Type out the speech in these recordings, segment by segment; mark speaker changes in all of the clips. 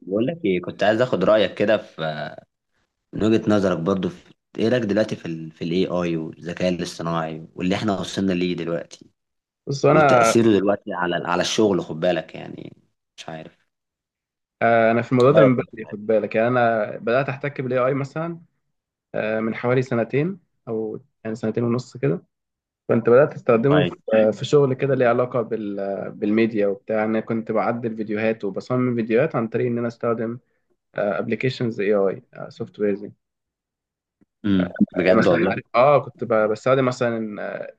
Speaker 1: بقول لك ايه، كنت عايز اخد رايك كده من وجهه نظرك برضو، في ايه رايك دلوقتي في الاي اي والذكاء الاصطناعي واللي احنا وصلنا ليه دلوقتي،
Speaker 2: بص، انا
Speaker 1: وتاثيره دلوقتي على الشغل، خد بالك يعني، مش عارف.
Speaker 2: آه، انا في الموضوع ده من
Speaker 1: رايك إيه في
Speaker 2: بدري،
Speaker 1: الحاجة؟
Speaker 2: خد بالك. يعني انا بدات احتك بالاي اي مثلا من حوالي سنتين، او يعني سنتين ونص كده. كنت بدات استخدمه في
Speaker 1: طيب.
Speaker 2: آه، في شغل كده ليه علاقه بالميديا وبتاع. انا كنت بعدل فيديوهات وبصمم فيديوهات عن طريق ان انا استخدم ابلكيشنز اي اي سوفت ويرز. يعني
Speaker 1: بجد
Speaker 2: مثلا
Speaker 1: والله.
Speaker 2: عارف، كنت بستخدم مثلا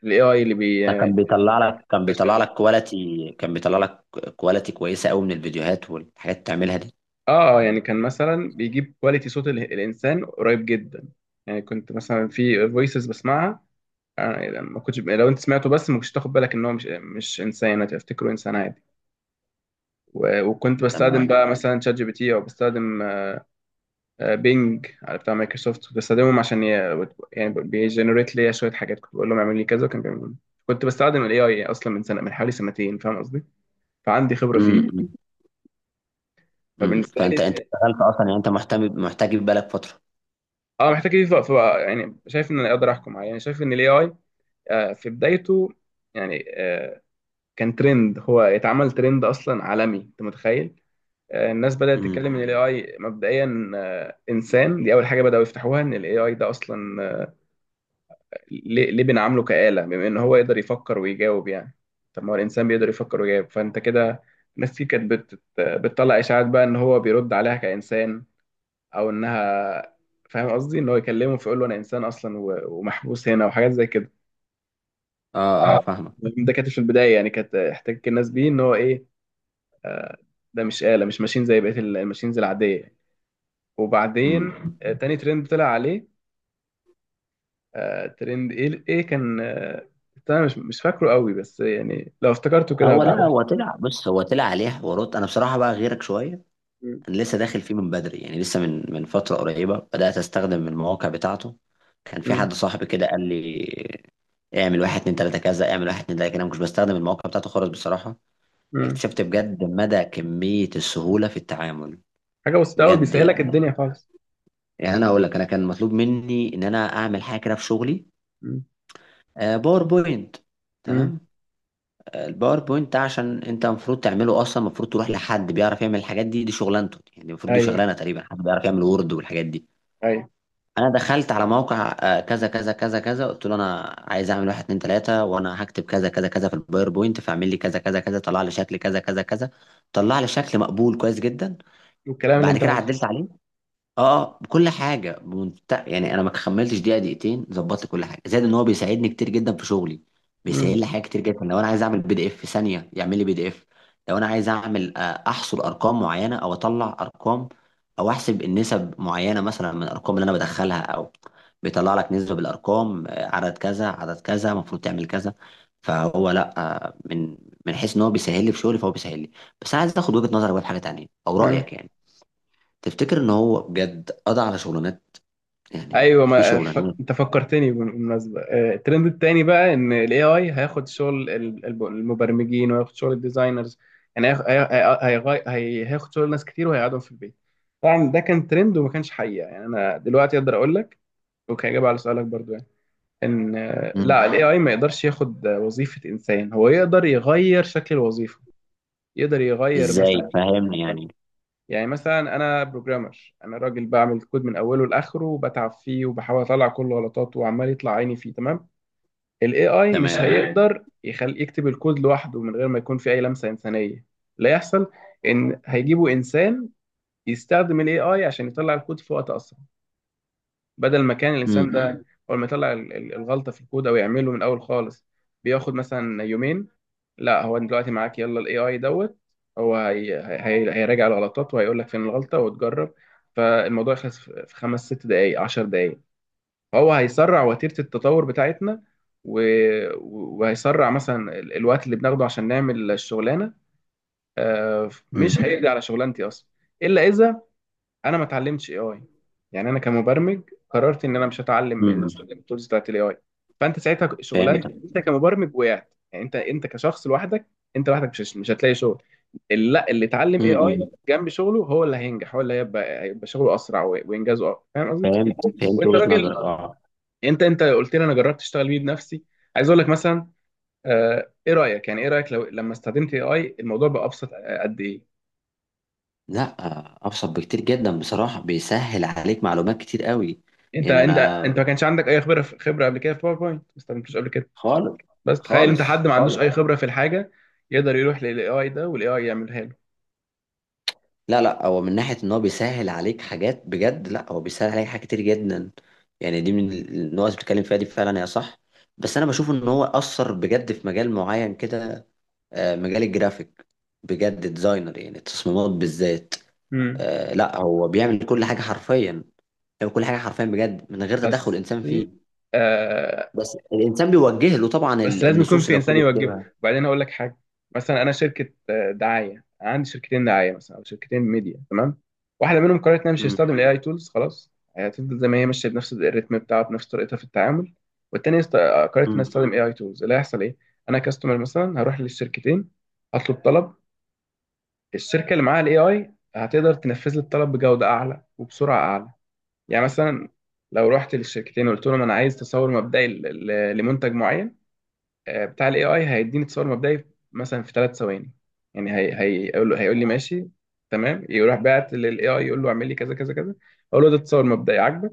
Speaker 2: الاي اي اللي بي
Speaker 1: ده كان بيطلع لك كان بيطلع لك كواليتي كان بيطلع لك كواليتي كويسه قوي من الفيديوهات والحاجات اللي بتعملها دي.
Speaker 2: اه يعني كان مثلا بيجيب كواليتي صوت الانسان قريب جدا. يعني كنت مثلا في فويسز بسمعها، أنا ما كنتش، لو انت سمعته بس ما كنتش تاخد بالك ان هو مش انسان، هتفتكره انسان عادي. وكنت بستخدم
Speaker 1: تمام.
Speaker 2: بقى مثلا شات جي بي تي، او بستخدم بينج على بتاع مايكروسوفت. كنت بستخدمهم عشان يعني بيجنريت ليا شويه حاجات، كنت بقول لهم اعمل لي كذا وكان بيعملوا لي. كنت بستخدم الاي اي اصلا من سنه، من حوالي سنتين، فاهم قصدي؟ فعندي خبره فيه.
Speaker 1: امم
Speaker 2: فبالنسبه
Speaker 1: فانت
Speaker 2: لي،
Speaker 1: اشتغلت اصلا، يعني انت محتاج يبقى بالك فتره.
Speaker 2: اه محتاج اضيف بقى، فبقى يعني شايف ان انا اقدر احكم عليه. يعني شايف ان الاي اي في بدايته. يعني كان ترند، هو يتعمل ترند اصلا عالمي، انت متخيل؟ الناس بدأت
Speaker 1: امم.
Speaker 2: تتكلم ان الاي اي مبدئيا انسان. دي اول حاجة بدأوا يفتحوها، ان الاي اي ده اصلا ليه بنعامله كآلة بما ان هو يقدر يفكر ويجاوب؟ يعني طب ما هو الانسان بيقدر يفكر ويجاوب، فانت كده. ناس كتير كانت بتطلع اشاعات بقى ان هو بيرد عليها كإنسان، او انها، فاهم قصدي، ان هو يكلمه فيقول له انا انسان اصلا ومحبوس هنا، وحاجات زي كده.
Speaker 1: اه، اه، فاهمك.
Speaker 2: ده كانت في البداية يعني، كانت احتكاك الناس بيه ان هو ايه، ده مش آلة، مش ماشين زي بقية الماشينز العادية. وبعدين
Speaker 1: امم.
Speaker 2: تاني ترند طلع عليه، ترند ايه كان انا مش فاكره قوي، بس يعني لو افتكرته كده
Speaker 1: هو لا
Speaker 2: هبقول.
Speaker 1: هو طلع بص، هو طلع عليه حوارات، انا بصراحه بقى غيرك شويه.
Speaker 2: مم،
Speaker 1: انا لسه داخل فيه من بدري، يعني لسه من فتره قريبه بدات استخدم المواقع بتاعته. كان في
Speaker 2: مم،
Speaker 1: حد صاحبي كده قال لي: اعمل واحد اتنين تلاته كذا، اعمل واحد اتنين تلاته كده، انا مش بستخدم المواقع بتاعته خالص بصراحه.
Speaker 2: مم.
Speaker 1: اكتشفت بجد مدى كميه السهوله في التعامل،
Speaker 2: حاجه بسيطه قوي،
Speaker 1: بجد
Speaker 2: بيسهلك
Speaker 1: يعني.
Speaker 2: الدنيا خالص.
Speaker 1: يعني انا اقول لك، انا كان مطلوب مني ان انا اعمل حاجه كده في شغلي.
Speaker 2: مم،
Speaker 1: باوربوينت.
Speaker 2: مم.
Speaker 1: تمام. الباوربوينت ده عشان انت المفروض تعمله اصلا، المفروض تروح لحد بيعرف يعمل الحاجات دي، دي شغلانته. يعني المفروض دي
Speaker 2: ايوه،
Speaker 1: شغلانه تقريبا حد بيعرف يعمل وورد والحاجات دي.
Speaker 2: ايوه،
Speaker 1: انا دخلت على موقع كذا كذا كذا كذا، قلت له: انا عايز اعمل واحد اتنين تلاته، وانا هكتب كذا كذا كذا في الباوربوينت، فاعمل لي كذا كذا كذا. طلع لي شكل كذا كذا كذا. طلع لي شكل مقبول كويس جدا.
Speaker 2: والكلام اللي
Speaker 1: بعد
Speaker 2: انت
Speaker 1: كده
Speaker 2: عايزه.
Speaker 1: عدلت عليه. اه، كل حاجه يعني انا ما كملتش دقيقه دقيقتين ظبطت كل حاجه، زائد ان هو بيساعدني كتير جدا في شغلي.
Speaker 2: مم،
Speaker 1: بيسهل لي حاجات كتير جدا. لو انا عايز اعمل بي دي اف، في ثانيه يعمل لي بي دي اف. لو انا عايز اعمل احصر ارقام معينه، او اطلع ارقام، او احسب النسب معينه مثلا من الارقام اللي انا بدخلها، او بيطلع لك نسبه بالارقام. عدد كذا عدد كذا المفروض تعمل كذا. فهو لا. آه، من من حيث ان هو بيسهل لي في شغلي فهو بيسهل لي. بس عايز اخد وجهه نظرك بقى في حاجه تانيه، او
Speaker 2: مم.
Speaker 1: رايك يعني. تفتكر ان هو بجد قضى على شغلانات؟ يعني
Speaker 2: ايوه،
Speaker 1: في
Speaker 2: ما ف...
Speaker 1: شغلانات.
Speaker 2: انت فكرتني بالمناسبه. الترند التاني بقى ان الاي اي هياخد شغل المبرمجين وهياخد شغل الديزاينرز. يعني هياخد شغل ناس كتير وهيقعدهم في البيت. طبعا ده كان ترند وما كانش حقيقه. يعني انا دلوقتي اقدر اقول لك، وكاجابه على سؤالك برضو، يعني ان
Speaker 1: امم.
Speaker 2: لا، الاي اي ما يقدرش ياخد وظيفه انسان. هو يقدر يغير شكل الوظيفه. يقدر يغير
Speaker 1: ازاي؟
Speaker 2: مثلا،
Speaker 1: فاهمني يعني.
Speaker 2: يعني مثلا انا بروجرامر، انا راجل بعمل كود من اوله لاخره وبتعب فيه وبحاول اطلع كل غلطاته وعمال يطلع عيني فيه، تمام؟ الاي اي مش
Speaker 1: تمام.
Speaker 2: هيقدر يخلي يكتب الكود لوحده من غير ما يكون في اي لمسه انسانيه، لا يحصل. ان هيجيبوا انسان يستخدم الاي اي عشان يطلع الكود في وقت اسرع. بدل ما كان
Speaker 1: امم.
Speaker 2: الانسان ده اول ما يطلع الغلطه في الكود، او يعمله من الاول خالص، بياخد مثلا يومين. لا، هو دلوقتي معاك، يلا الاي اي دوت هو هي هيراجع الغلطات وهيقول لك فين الغلطه وتجرب. فالموضوع يخلص في خمس ست دقائق، عشر دقائق. فهو هيسرع وتيره التطور بتاعتنا، و... وهيسرع مثلا الوقت اللي بناخده عشان نعمل الشغلانه.
Speaker 1: امم.
Speaker 2: مش هيقضي على شغلانتي اصلا، الا اذا انا ما اتعلمتش اي اي. يعني انا كمبرمج، قررت ان انا مش هتعلم
Speaker 1: امم.
Speaker 2: التولز بتاعت الاي اي، فانت ساعتها شغلانتك
Speaker 1: فهمت.
Speaker 2: انت كمبرمج وقعت. يعني انت كشخص لوحدك، انت لوحدك، مش هتلاقي شغل. اللي لا اللي اتعلم اي
Speaker 1: امم.
Speaker 2: اي جنب شغله هو اللي هينجح، هو اللي هيبقى شغله اسرع وانجازه اقوى، فاهم قصدي؟
Speaker 1: فهمت فهمت
Speaker 2: وانت
Speaker 1: وجهة
Speaker 2: راجل،
Speaker 1: نظرك اه.
Speaker 2: انت قلت لي انا جربت اشتغل بيه بنفسي. عايز اقول لك مثلا، ايه رايك؟ يعني ايه رايك لما استخدمت اي اي الموضوع بقى ابسط قد ايه؟
Speaker 1: لا، ابسط بكتير جدا بصراحة. بيسهل عليك معلومات كتير قوي.
Speaker 2: انت
Speaker 1: يعني
Speaker 2: انت
Speaker 1: انا.
Speaker 2: انت ما كانش عندك اي خبره قبل كده في باوربوينت، ما استخدمتوش قبل كده.
Speaker 1: خالص.
Speaker 2: بس تخيل انت
Speaker 1: خالص،
Speaker 2: حد ما عندوش
Speaker 1: خالص.
Speaker 2: اي خبره في الحاجه، يقدر يروح للاي اي ده والاي اي يعملها له.
Speaker 1: لا، لا، هو من ناحية ان هو بيسهل عليك حاجات بجد، لا هو بيسهل عليك حاجات كتير جدا. يعني دي من النقط اللي بتتكلم فيها، دي فعلا هي صح. بس انا بشوف ان هو اثر بجد في مجال معين كده. مجال الجرافيك، بجد ديزاينر يعني، التصميمات بالذات.
Speaker 2: امم
Speaker 1: لا، هو بيعمل كل حاجة حرفيا. هو كل حاجة حرفيا بجد من غير تدخل
Speaker 2: بس
Speaker 1: الانسان
Speaker 2: دي
Speaker 1: فيه. بس الانسان بيوجه له طبعا
Speaker 2: بس لازم يكون
Speaker 1: النصوص
Speaker 2: في
Speaker 1: اللي
Speaker 2: انسان
Speaker 1: المفروض
Speaker 2: يوجهه.
Speaker 1: يكتبها.
Speaker 2: وبعدين هقول لك حاجه. مثلا انا شركه دعايه، عندي شركتين دعايه مثلا، او شركتين ميديا، تمام؟ واحده منهم قررت انها مش
Speaker 1: امم.
Speaker 2: هتستخدم الاي اي تولز خلاص، هتفضل زي ما هي ماشيه بنفس الريتم بتاعها، بنفس طريقتها في التعامل. والتانيه قررت انها
Speaker 1: امم.
Speaker 2: تستخدم اي اي تولز. اللي هيحصل ايه، انا كاستمر مثلا هروح للشركتين، هطلب طلب. الشركه اللي معاها الاي اي هتقدر تنفذ لي الطلب بجوده اعلى وبسرعه اعلى. يعني مثلا لو رحت للشركتين وقلت لهم انا عايز تصور مبدئي لمنتج معين، بتاع الاي اي هيديني تصور مبدئي مثلا في ثلاث ثواني. يعني هي هيقول لي ماشي، تمام. يروح بعت للاي اي يقول له اعمل لي كذا كذا كذا. اقول له ده تصور مبدئي عاجبك؟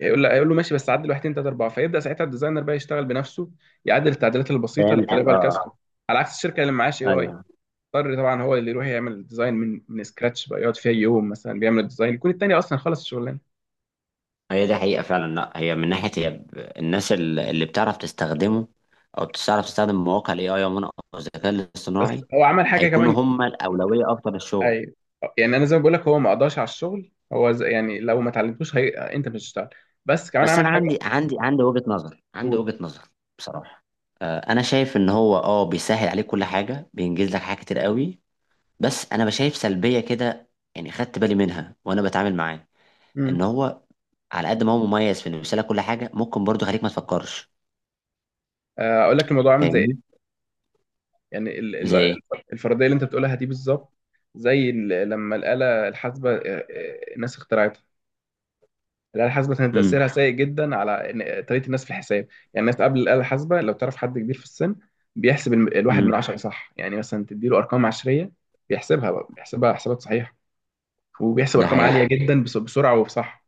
Speaker 2: هيقول له ماشي بس عدل واحد ثلاثه اربعه. فيبدا ساعتها الديزاينر بقى يشتغل بنفسه، يعدل التعديلات البسيطه اللي
Speaker 1: فهمتك
Speaker 2: بيطلبها الكاستمر.
Speaker 1: اه.
Speaker 2: على عكس الشركه اللي معهاش اي
Speaker 1: آه،
Speaker 2: اي،
Speaker 1: ايوه.
Speaker 2: اضطر طبعا هو اللي يروح يعمل الديزاين من سكراتش بقى، يقعد فيها يوم مثلا بيعمل الديزاين، يكون التاني اصلا خلص الشغلانه.
Speaker 1: هي دي حقيقة فعلا. لا هي من ناحية هي الناس اللي بتعرف تستخدمه أو بتعرف تستخدم مواقع ال AI عموما، أو الذكاء
Speaker 2: بس
Speaker 1: الاصطناعي،
Speaker 2: هو عمل حاجه
Speaker 1: هيكونوا
Speaker 2: كمان.
Speaker 1: هم الأولوية أكتر للشغل.
Speaker 2: ايوه، يعني انا زي ما بقول لك، هو ما قضاش على الشغل. هو زي يعني لو ما اتعلمتوش انت مش هتشتغل. بس كمان
Speaker 1: بس
Speaker 2: عمل
Speaker 1: أنا
Speaker 2: حاجه.
Speaker 1: عندي وجهة نظر، عندي
Speaker 2: قول.
Speaker 1: وجهة نظر بصراحة. أنا شايف إن هو بيسهل عليك كل حاجة، بينجز لك حاجات كتير قوي. بس أنا بشايف سلبية كده، يعني خدت بالي منها وأنا بتعامل معاه. إن
Speaker 2: امم
Speaker 1: هو على قد ما هو مميز في إنه يسهل لك كل حاجة، ممكن برضه يخليك ما تفكرش.
Speaker 2: اقول لك الموضوع عامل زي
Speaker 1: فاهمني؟
Speaker 2: ايه. يعني ال...
Speaker 1: زي
Speaker 2: ال-
Speaker 1: إيه؟
Speaker 2: الفرضيه اللي انت بتقولها دي بالظبط، زي لما الاله الحاسبه الناس اخترعتها. الاله الحاسبه كان
Speaker 1: امم.
Speaker 2: تاثيرها سيء جدا على طريقه الناس في الحساب. يعني الناس قبل الاله الحاسبه، لو تعرف حد كبير في السن، بيحسب الواحد من
Speaker 1: امم.
Speaker 2: عشرة صح، يعني مثلا تديله ارقام عشريه بيحسبها بقى، بيحسبها حسابات صحيحه. وبيحسب
Speaker 1: ده
Speaker 2: ارقام
Speaker 1: حقيقي.
Speaker 2: عاليه جدا بسرعه وبصح.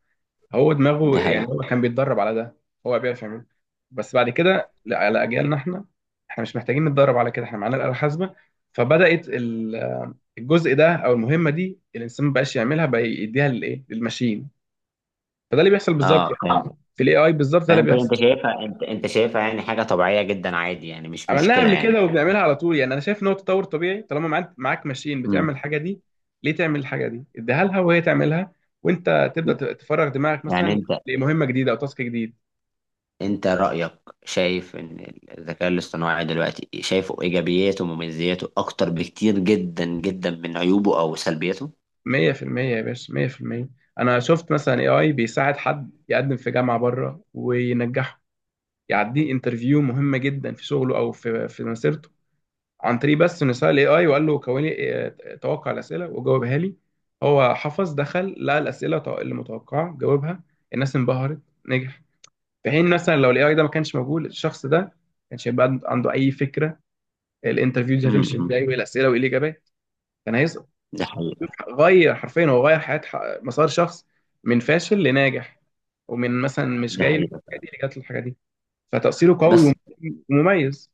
Speaker 2: هو
Speaker 1: ده
Speaker 2: دماغه يعني،
Speaker 1: حقيقي.
Speaker 2: هو كان بيتدرب على ده، هو بيعرف يعمله. بس بعد كده لا، على اجيالنا احنا مش محتاجين نتدرب على كده، احنا معانا الآلة الحاسبة. فبدأت الجزء ده او المهمة دي الانسان ما بقاش يعملها، بقى يديها للايه، للماشين. فده اللي بيحصل بالظبط
Speaker 1: اه فاهم.
Speaker 2: يعني. في الاي اي بالظبط ده اللي
Speaker 1: فانت
Speaker 2: بيحصل.
Speaker 1: انت شايفها انت شايفها يعني حاجه طبيعيه جدا عادي، يعني مش
Speaker 2: عملناها
Speaker 1: مشكله،
Speaker 2: قبل
Speaker 1: يعني
Speaker 2: كده
Speaker 1: فاهم.
Speaker 2: وبنعملها على طول. يعني انا شايف ان هو تطور طبيعي، طالما معاك ماشين
Speaker 1: امم.
Speaker 2: بتعمل الحاجة دي، ليه تعمل الحاجة دي؟ اديها لها وهي تعملها، وانت تبدأ تفرغ دماغك
Speaker 1: يعني
Speaker 2: مثلا
Speaker 1: انت
Speaker 2: لمهمة جديدة او تاسك جديد.
Speaker 1: انت رايك، شايف ان الذكاء الاصطناعي دلوقتي شايفه ايجابياته ومميزاته اكتر بكتير جدا جدا من عيوبه او سلبياته.
Speaker 2: مية في المية يا باشا، مية في المية. أنا شفت مثلا اي اي بيساعد حد يقدم في جامعة بره وينجحه، يعديه انترفيو مهمة جدا في شغله أو في مسيرته، عن طريق بس إنه سأل اي اي وقال له كون لي توقع الأسئلة وجاوبها لي. هو حفظ، دخل لقى الأسئلة اللي متوقعة، جاوبها. الناس انبهرت، نجح. في حين مثلا لو الاي اي ده ما كانش موجود، الشخص ده ما كانش هيبقى عنده أي فكرة الانترفيو دي هتمشي
Speaker 1: امم.
Speaker 2: ازاي، وايه الأسئلة، وايه الإجابات، كان هيسقط.
Speaker 1: ده حقيقي.
Speaker 2: غير، حرفيا هو غير حياة مسار شخص من فاشل لناجح، ومن مثلا مش
Speaker 1: ده
Speaker 2: جاي له
Speaker 1: حقيقي.
Speaker 2: الحاجة دي اللي جات له الحاجة دي. فتأثيره قوي
Speaker 1: بس
Speaker 2: ومميز.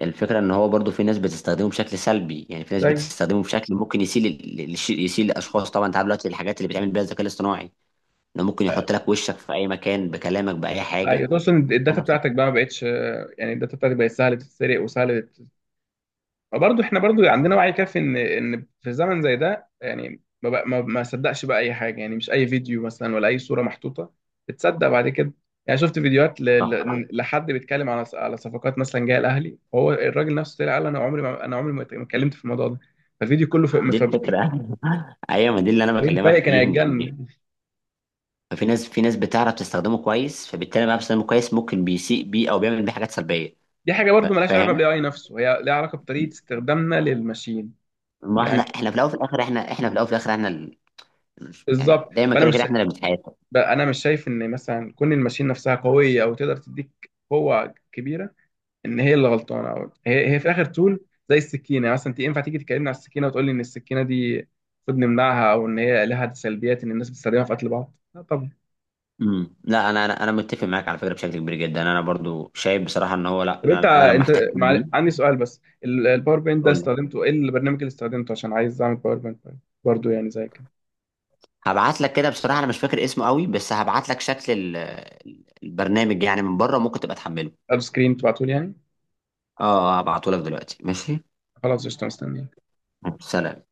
Speaker 1: الفكره ان هو برضو في ناس بتستخدمه بشكل سلبي، يعني في ناس
Speaker 2: طيب،
Speaker 1: بتستخدمه بشكل ممكن يسيء يسيء لاشخاص، طبعا انت عارف دلوقتي الحاجات اللي بيتعمل بيها الذكاء الاصطناعي، انه ممكن يحط لك وشك في اي مكان بكلامك باي حاجه.
Speaker 2: ايوه، خصوصا الداتا
Speaker 1: انا
Speaker 2: بتاعتك
Speaker 1: بصراحه.
Speaker 2: بقى ما بقتش يعني الداتا بتاعتك بقت سهلة تتسرق وسهلة. برضه احنا برضه عندنا وعي كافي ان في زمن زي ده، يعني ما بقى ما صدقش بقى اي حاجه، يعني مش اي فيديو مثلا ولا اي صوره محطوطه بتصدق بعد كده. يعني شفت فيديوهات ل...
Speaker 1: صح.
Speaker 2: ل... لحد بيتكلم على صفقات مثلا جايه الاهلي، وهو الراجل نفسه طلع قال انا عمري ما اتكلمت في الموضوع ده. فالفيديو كله في
Speaker 1: دي
Speaker 2: مفبركين.
Speaker 1: الفكره. ايوه، ما دي اللي انا بكلمك
Speaker 2: فايق كان
Speaker 1: فيه ان
Speaker 2: هيتجنن.
Speaker 1: ففي ناس بتعرف تستخدمه كويس، فبالتالي بقى بتستخدمه كويس ممكن بيسيء بيه او بيعمل بيه حاجات سلبيه.
Speaker 2: دي حاجه برضه مالهاش علاقه
Speaker 1: فاهم.
Speaker 2: بالاي اي نفسه، هي ليها علاقه بطريقه استخدامنا للماشين.
Speaker 1: ما احنا
Speaker 2: يعني
Speaker 1: احنا في الاول وفي الاخر، احنا في الاول وفي الاخر، يعني
Speaker 2: بالظبط.
Speaker 1: دايما
Speaker 2: فانا
Speaker 1: كده كده
Speaker 2: مش
Speaker 1: احنا اللي بنتحاسب.
Speaker 2: بقى انا مش شايف ان مثلا كون الماشين نفسها قويه او تقدر تديك قوه كبيره، ان هي اللي غلطانه، او هي في الاخر تول زي السكينه. يعني مثلا انت ينفع تيجي تكلمني على السكينه وتقول لي ان السكينه دي المفروض نمنعها، او ان هي لها سلبيات ان الناس بتستخدمها في قتل بعض؟ لا طبعا.
Speaker 1: امم. لا، انا متفق معاك على فكره بشكل كبير جدا. انا برضو شايف بصراحه ان هو لا،
Speaker 2: طب
Speaker 1: انا لما احتكت بيه.
Speaker 2: عندي سؤال بس، الباور بوينت ده
Speaker 1: قول لي.
Speaker 2: استخدمته ايه، البرنامج اللي استخدمته عشان عايز اعمل باور بوينت؟ برضه يعني زي كده.
Speaker 1: هبعت لك كده بصراحة أنا مش فاكر اسمه قوي، بس هبعت لك شكل البرنامج، يعني من بره ممكن تبقى تحمله.
Speaker 2: اب سكرين تبعته لي يعني.
Speaker 1: اه. هبعته لك دلوقتي ماشي.
Speaker 2: خلاص، قشطه، مستني.
Speaker 1: سلام.